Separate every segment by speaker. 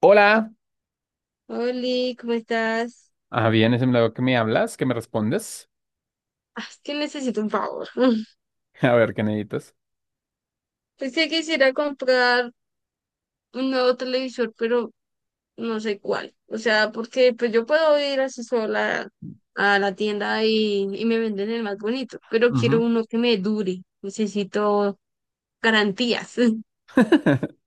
Speaker 1: Hola.
Speaker 2: Oli, ¿cómo estás?
Speaker 1: Ah, bien, es el milagro que me hablas, que me respondes.
Speaker 2: Ah, es que necesito un favor.
Speaker 1: A ver, ¿qué necesitas?
Speaker 2: Pensé que quisiera comprar un nuevo televisor, pero no sé cuál. O sea, porque pues yo puedo ir así sola a la tienda y me venden el más bonito, pero quiero
Speaker 1: Ujú.
Speaker 2: uno que me dure. Necesito garantías.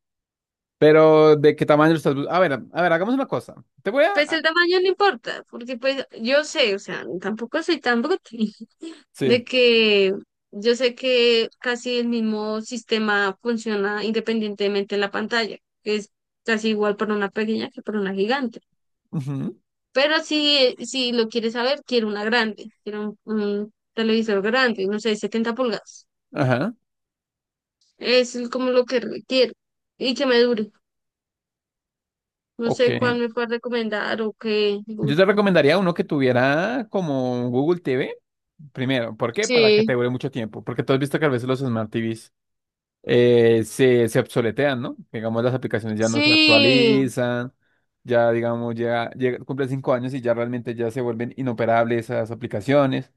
Speaker 1: Pero, ¿de qué tamaño lo estás? A ver, hagamos una cosa. Te voy a...
Speaker 2: Pues el
Speaker 1: a-
Speaker 2: tamaño no importa, porque pues yo sé, o sea, tampoco soy tan bruta.
Speaker 1: Sí.
Speaker 2: De que yo sé que casi el mismo sistema funciona independientemente en la pantalla, que es casi igual para una pequeña que para una gigante.
Speaker 1: Ujú.
Speaker 2: Pero si lo quieres saber, quiero una grande, quiero un televisor grande, no sé, 70 pulgadas.
Speaker 1: Ajá.
Speaker 2: Es como lo que quiero y que me dure. No
Speaker 1: Ok.
Speaker 2: sé cuál me puedes recomendar o qué
Speaker 1: Yo te
Speaker 2: busco.
Speaker 1: recomendaría uno que tuviera como Google TV. Primero, ¿por qué? Para que te
Speaker 2: Sí,
Speaker 1: dure mucho tiempo. Porque tú has visto que a veces los Smart TVs se obsoletean, ¿no? Digamos, las aplicaciones ya no se
Speaker 2: sí.
Speaker 1: actualizan, ya, digamos, ya, cumple 5 años y ya realmente ya se vuelven inoperables esas aplicaciones.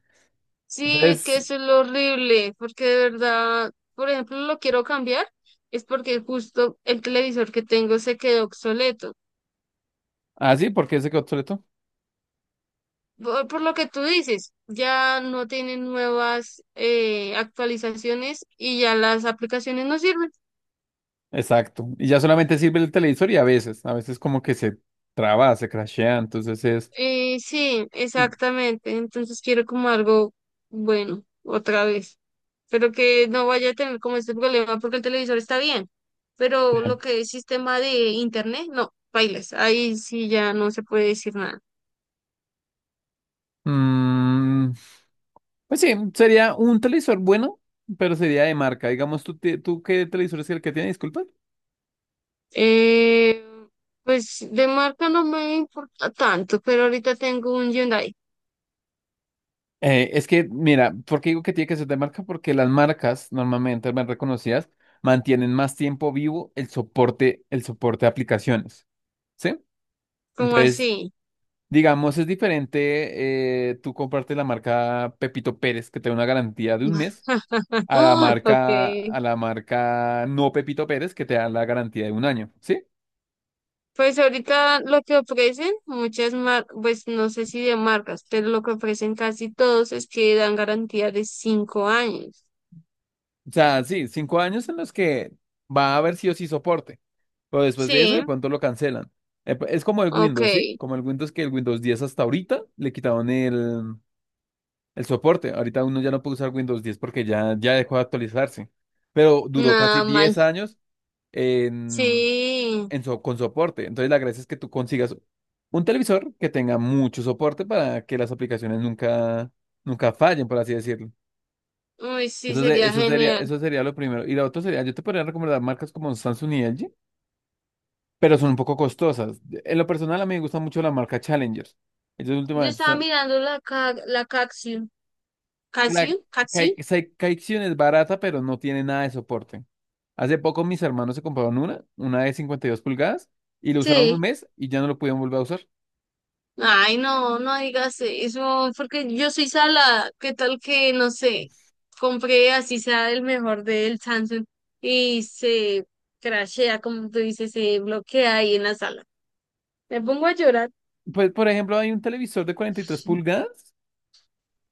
Speaker 2: Sí, es que
Speaker 1: Entonces,
Speaker 2: eso es lo horrible, porque de verdad, por ejemplo, lo quiero cambiar, es porque justo el televisor que tengo se quedó obsoleto.
Speaker 1: así, porque se quedó obsoleto.
Speaker 2: Por lo que tú dices, ya no tienen nuevas actualizaciones y ya las aplicaciones no sirven.
Speaker 1: Exacto. Y ya solamente sirve el televisor y a veces, como que se traba, se crashea, entonces es...
Speaker 2: Sí, exactamente. Entonces quiero como algo bueno, otra vez. Pero que no vaya a tener como este problema porque el televisor está bien. Pero lo que es sistema de internet, no, bailas. Ahí sí ya no se puede decir nada.
Speaker 1: Mm, pues sí, sería un televisor bueno, pero sería de marca. Digamos, tú qué televisor es el que tiene? Disculpa.
Speaker 2: Eh, pues de marca no me importa tanto, pero ahorita tengo un Hyundai,
Speaker 1: Es que, mira, ¿por qué digo que tiene que ser de marca? Porque las marcas normalmente más reconocidas mantienen más tiempo vivo el soporte de aplicaciones, ¿sí?
Speaker 2: como
Speaker 1: Entonces,
Speaker 2: así.
Speaker 1: digamos, es diferente tú comprarte la marca Pepito Pérez, que te da una garantía de un mes,
Speaker 2: Ok.
Speaker 1: a la marca no Pepito Pérez, que te da la garantía de un año, ¿sí?
Speaker 2: Pues ahorita lo que ofrecen muchas marcas, pues no sé si de marcas, pero lo que ofrecen casi todos es que dan garantía de 5 años.
Speaker 1: O sea, sí, 5 años en los que va a haber sí o sí soporte. Pero después de eso,
Speaker 2: Sí,
Speaker 1: de pronto lo cancelan. Es como el
Speaker 2: ok,
Speaker 1: Windows, ¿sí? Como el Windows, que el Windows 10 hasta ahorita le quitaron el soporte. Ahorita uno ya no puede usar Windows 10 porque ya, ya dejó de actualizarse. Pero duró casi
Speaker 2: nada mal.
Speaker 1: 10 años en,
Speaker 2: Sí,
Speaker 1: con soporte. Entonces la gracia es que tú consigas un televisor que tenga mucho soporte para que las aplicaciones nunca, nunca fallen, por así decirlo.
Speaker 2: uy, sí, sería genial.
Speaker 1: Eso sería lo primero. Y lo otro sería, yo te podría recomendar marcas como Samsung y LG, pero son un poco costosas. En lo personal, a mí me gusta mucho la marca Challenger. Ellos
Speaker 2: Yo
Speaker 1: últimamente
Speaker 2: estaba
Speaker 1: están...
Speaker 2: mirando la Caxiu.
Speaker 1: Que la
Speaker 2: ¿Caxiu? ¿Caxiu?
Speaker 1: Kaikion es barata, pero no tiene nada de soporte. Hace poco mis hermanos se compraron una de 52 pulgadas, y lo usaron un
Speaker 2: Sí.
Speaker 1: mes y ya no lo pudieron volver a usar.
Speaker 2: Ay, no, no digas eso, porque yo soy sala. ¿Qué tal que, no sé, compré así sea el mejor del Samsung y se crashea, como tú dices, se bloquea ahí en la sala? Me pongo a llorar.
Speaker 1: Pues, por ejemplo, hay un televisor de 43 pulgadas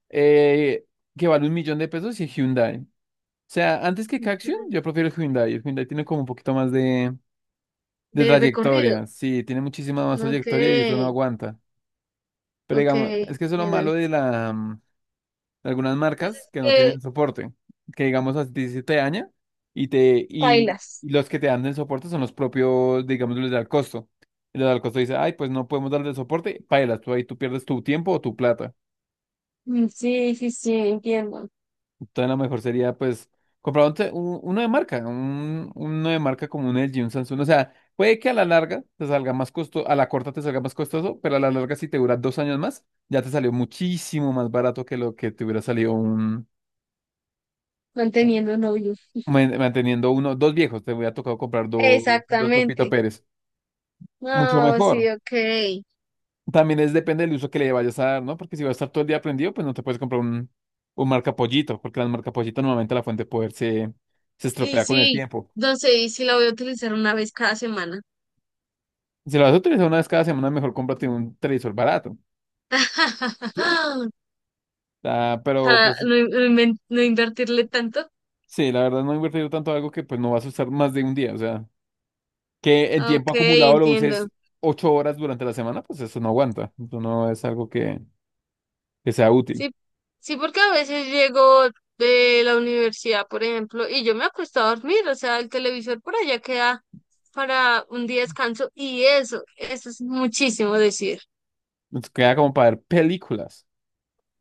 Speaker 1: eh, que vale $1.000.000 y es Hyundai. O sea, antes que Caxion, yo prefiero el Hyundai. El Hyundai tiene como un poquito más de
Speaker 2: De recorrido,
Speaker 1: trayectoria. Sí, tiene muchísima más
Speaker 2: no
Speaker 1: trayectoria y esto no
Speaker 2: que,
Speaker 1: aguanta. Pero
Speaker 2: no
Speaker 1: digamos, es que eso es lo
Speaker 2: bueno.
Speaker 1: malo de de algunas
Speaker 2: Entonces,
Speaker 1: marcas que no
Speaker 2: que
Speaker 1: tienen soporte. Que digamos a ti se te daña y
Speaker 2: bailas.
Speaker 1: y los que te dan el soporte son los propios, digamos, los del costo. Y los del costo dice, ay, pues no podemos darle soporte, pailas, tú ahí tú pierdes tu tiempo o tu plata.
Speaker 2: Mm, sí, sí, sí, entiendo.
Speaker 1: Entonces, lo mejor sería, pues, comprar un uno de marca, uno de marca como un LG, un Samsung. O sea, puede que a la larga te salga más costoso, a la corta te salga más costoso, pero a la larga, si te dura 2 años más, ya te salió muchísimo más barato que lo que te hubiera salido
Speaker 2: Manteniendo novio.
Speaker 1: manteniendo uno, dos viejos. Te hubiera tocado comprar dos, dos Pepito
Speaker 2: Exactamente.
Speaker 1: Pérez. Mucho
Speaker 2: No, sí,
Speaker 1: mejor.
Speaker 2: ok.
Speaker 1: También es depende del uso que le vayas a dar, ¿no? Porque si vas a estar todo el día prendido, pues no te puedes comprar un marca pollito, porque las marca pollito normalmente la fuente de poder se
Speaker 2: Y
Speaker 1: estropea con el
Speaker 2: sí,
Speaker 1: tiempo.
Speaker 2: no sé, y si la voy a utilizar una vez cada semana.
Speaker 1: Si lo vas a utilizar una vez cada semana, mejor cómprate un televisor barato. ¿Sí? Ah, pero
Speaker 2: Para
Speaker 1: pues
Speaker 2: no, no invertirle tanto.
Speaker 1: sí, la verdad no he invertido tanto en algo que pues no vas a usar más de un día. O sea, que el
Speaker 2: Ok,
Speaker 1: tiempo acumulado lo
Speaker 2: entiendo.
Speaker 1: uses 8 horas durante la semana, pues eso no aguanta. Eso no es algo que sea útil.
Speaker 2: Sí, sí, porque a veces llego de la universidad, por ejemplo, y yo me acuesto a dormir, o sea, el televisor por allá queda para un día de descanso y eso es muchísimo decir.
Speaker 1: Nos queda como para ver películas,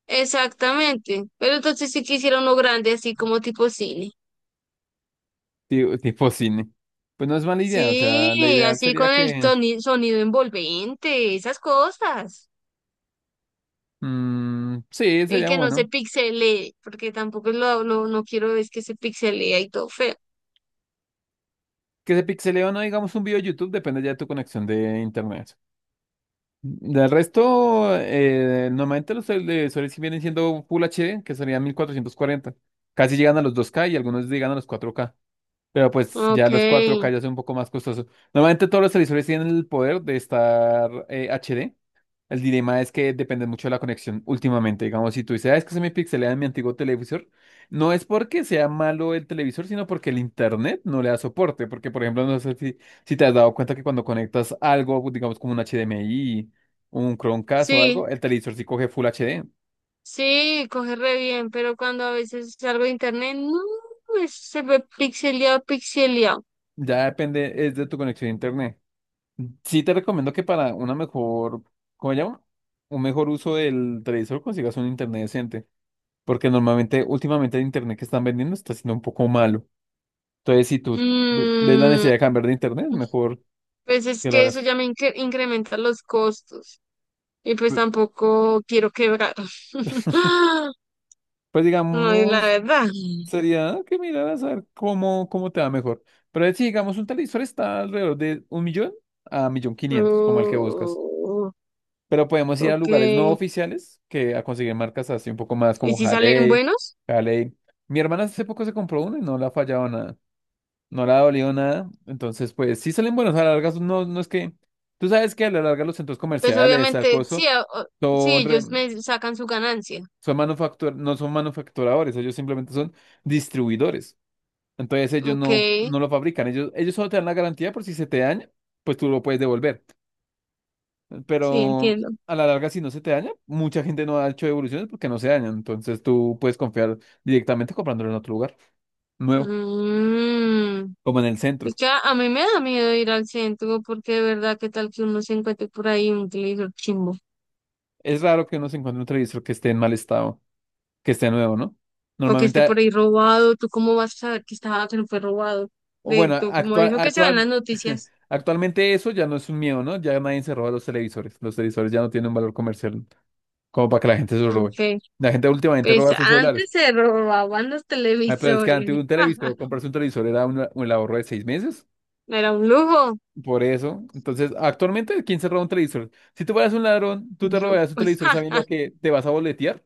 Speaker 2: Exactamente. Pero entonces sí quisiera uno grande, así como tipo cine.
Speaker 1: tipo, cine. Pues no es mala idea. O sea, la
Speaker 2: Sí,
Speaker 1: ideal
Speaker 2: así
Speaker 1: sería
Speaker 2: con el
Speaker 1: que...
Speaker 2: sonido envolvente, esas cosas.
Speaker 1: Mm, sí,
Speaker 2: Y
Speaker 1: sería
Speaker 2: que no se
Speaker 1: bueno.
Speaker 2: pixelee, porque tampoco no quiero es que se pixelee y todo feo.
Speaker 1: Que se pixelee o no, digamos, un video de YouTube, depende ya de tu conexión de internet. Del resto, normalmente los de Sony sí vienen siendo Full HD, que serían 1440. Casi llegan a los 2K y algunos llegan a los 4K. Pero pues ya
Speaker 2: Ok,
Speaker 1: los 4K ya son un poco más costosos. Normalmente todos los televisores tienen el poder de estar HD. El dilema es que depende mucho de la conexión últimamente. Digamos, si tú dices, "Ah, es que se me pixelea en mi antiguo televisor, no es porque sea malo el televisor, sino porque el internet no le da soporte". Porque, por ejemplo, no sé si te has dado cuenta que cuando conectas algo, digamos, como un HDMI, un Chromecast o
Speaker 2: sí,
Speaker 1: algo, el televisor sí coge Full HD.
Speaker 2: sí, coge re bien, pero cuando a veces salgo de internet, no, pues, se ve pixeleado, pixeleado.
Speaker 1: Ya depende, es de tu conexión a internet. Sí te recomiendo que para una mejor, ¿cómo se llama? Un mejor uso del televisor consigas un internet decente. Porque normalmente, últimamente el internet que están vendiendo está siendo un poco malo. Entonces, si tú ves la
Speaker 2: Mm,
Speaker 1: necesidad de cambiar de internet, mejor
Speaker 2: pues es
Speaker 1: que lo
Speaker 2: que eso
Speaker 1: hagas.
Speaker 2: ya incrementa los costos. Y pues tampoco quiero quebrar.
Speaker 1: Pues
Speaker 2: No, es la
Speaker 1: digamos,
Speaker 2: verdad.
Speaker 1: sería que miraras a ver cómo, cómo te va mejor. Pero si digamos un televisor está alrededor de un millón a millón quinientos, como el que buscas.
Speaker 2: Oh,
Speaker 1: Pero podemos ir a
Speaker 2: ok.
Speaker 1: lugares no
Speaker 2: ¿Y
Speaker 1: oficiales que a conseguir marcas así un poco más como
Speaker 2: si salen
Speaker 1: Halley,
Speaker 2: buenos?
Speaker 1: Halley. Mi hermana hace poco se compró uno y no le ha fallado nada, no le ha dolido nada. Entonces, pues sí salen buenos a la larga. No, no es que. Tú sabes que a la larga los centros
Speaker 2: Pues
Speaker 1: comerciales, al
Speaker 2: obviamente, sí,
Speaker 1: coso,
Speaker 2: sí,
Speaker 1: son, re-
Speaker 2: ellos me sacan su ganancia.
Speaker 1: son no son manufacturadores, ellos simplemente son distribuidores. Entonces ellos
Speaker 2: Ok,
Speaker 1: no, no lo fabrican, ellos solo te dan la garantía por si se te daña, pues tú lo puedes devolver.
Speaker 2: sí,
Speaker 1: Pero
Speaker 2: entiendo.
Speaker 1: a la larga, si no se te daña, mucha gente no ha hecho devoluciones porque no se dañan. Entonces tú puedes confiar directamente comprándolo en otro lugar nuevo,
Speaker 2: Mm,
Speaker 1: como en el
Speaker 2: es
Speaker 1: centro.
Speaker 2: que a mí me da miedo ir al centro porque de verdad, ¿qué tal que uno se encuentre por ahí un televisor chimbo?
Speaker 1: Es raro que uno se encuentre un televisor que esté en mal estado, que esté nuevo, ¿no?
Speaker 2: O que esté por
Speaker 1: Normalmente,
Speaker 2: ahí robado. ¿Tú cómo vas a saber que estaba, que no fue robado?
Speaker 1: o
Speaker 2: De
Speaker 1: bueno,
Speaker 2: todo como eso que se ve en las noticias.
Speaker 1: actualmente eso ya no es un miedo, ¿no? Ya nadie se roba los televisores. Los televisores ya no tienen un valor comercial como para que la gente se los robe.
Speaker 2: Ok,
Speaker 1: La gente últimamente
Speaker 2: pues
Speaker 1: roba sus celulares.
Speaker 2: antes se robaban los
Speaker 1: Ay, pero es que antes
Speaker 2: televisores.
Speaker 1: un televisor, comprarse un televisor era un ahorro de 6 meses.
Speaker 2: Era un lujo.
Speaker 1: Por eso. Entonces, actualmente, ¿quién se roba un televisor? Si tú fueras un ladrón, ¿tú te
Speaker 2: Yo,
Speaker 1: robarías un
Speaker 2: pues,
Speaker 1: televisor sabiendo que te vas a boletear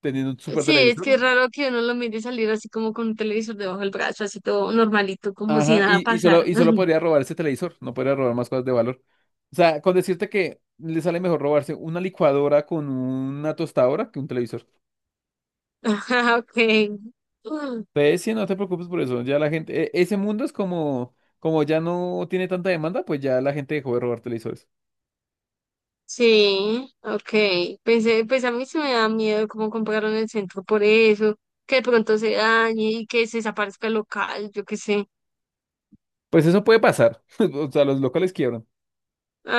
Speaker 1: teniendo un super
Speaker 2: sí, es que es
Speaker 1: televisor?
Speaker 2: raro que uno lo mire salir así como con un televisor debajo del brazo, así todo normalito, como si
Speaker 1: Ajá,
Speaker 2: nada pasara.
Speaker 1: y solo podría robar ese televisor, no podría robar más cosas de valor. O sea, con decirte que le sale mejor robarse una licuadora con una tostadora que un televisor.
Speaker 2: Ajá, okay. Mm,
Speaker 1: Entonces, sí, no te preocupes por eso. Ya la gente, ese mundo es como, como ya no tiene tanta demanda, pues ya la gente dejó de robar televisores.
Speaker 2: sí, okay. Pensé, pues a mí se me da miedo cómo compraron el centro por eso, que de pronto se dañe y que se desaparezca el local, yo qué sé.
Speaker 1: Pues eso puede pasar. O sea, los locales quiebran.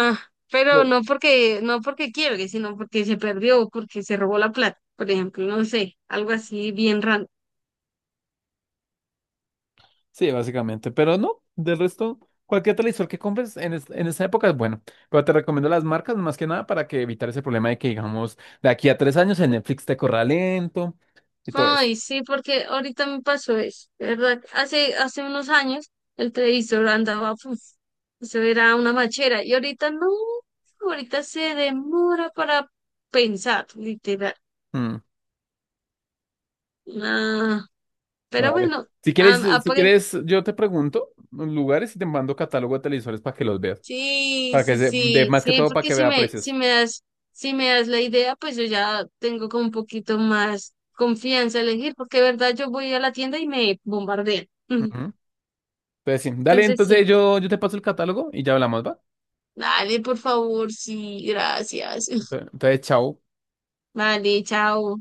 Speaker 2: Ah, pero no porque, no porque quiebre, sino porque se perdió, porque se robó la plata, por ejemplo, no sé, algo así bien raro.
Speaker 1: Sí, básicamente, pero no, del resto, cualquier televisor que compres en, en esa época es bueno, pero te recomiendo las marcas más que nada para que evitar ese problema de que, digamos, de aquí a 3 años el Netflix te corra lento y todo eso.
Speaker 2: Ay, sí, porque ahorita me pasó eso, de ¿verdad? Hace unos años el televisor andaba, puf, eso era una machera, y ahorita no, ahorita se demora para pensar, literal.
Speaker 1: Mm,
Speaker 2: Nah, pero
Speaker 1: vale.
Speaker 2: bueno,
Speaker 1: Si quieres,
Speaker 2: am-
Speaker 1: si
Speaker 2: apare-
Speaker 1: quieres, yo te pregunto los lugares y te mando catálogo de televisores para que los veas,
Speaker 2: sí,
Speaker 1: para que,
Speaker 2: sí, sí,
Speaker 1: más que
Speaker 2: sí,
Speaker 1: todo para
Speaker 2: porque
Speaker 1: que vea
Speaker 2: si
Speaker 1: precios.
Speaker 2: me das, si me das la idea, pues yo ya tengo como un poquito más confianza a elegir, porque de verdad yo voy a la tienda y me bombardean.
Speaker 1: Ujú. Entonces, sí, dale,
Speaker 2: Entonces
Speaker 1: entonces
Speaker 2: sí.
Speaker 1: yo te paso el catálogo y ya hablamos, ¿va?
Speaker 2: Dale, por favor, sí, gracias.
Speaker 1: Entonces, chao.
Speaker 2: Vale, chao.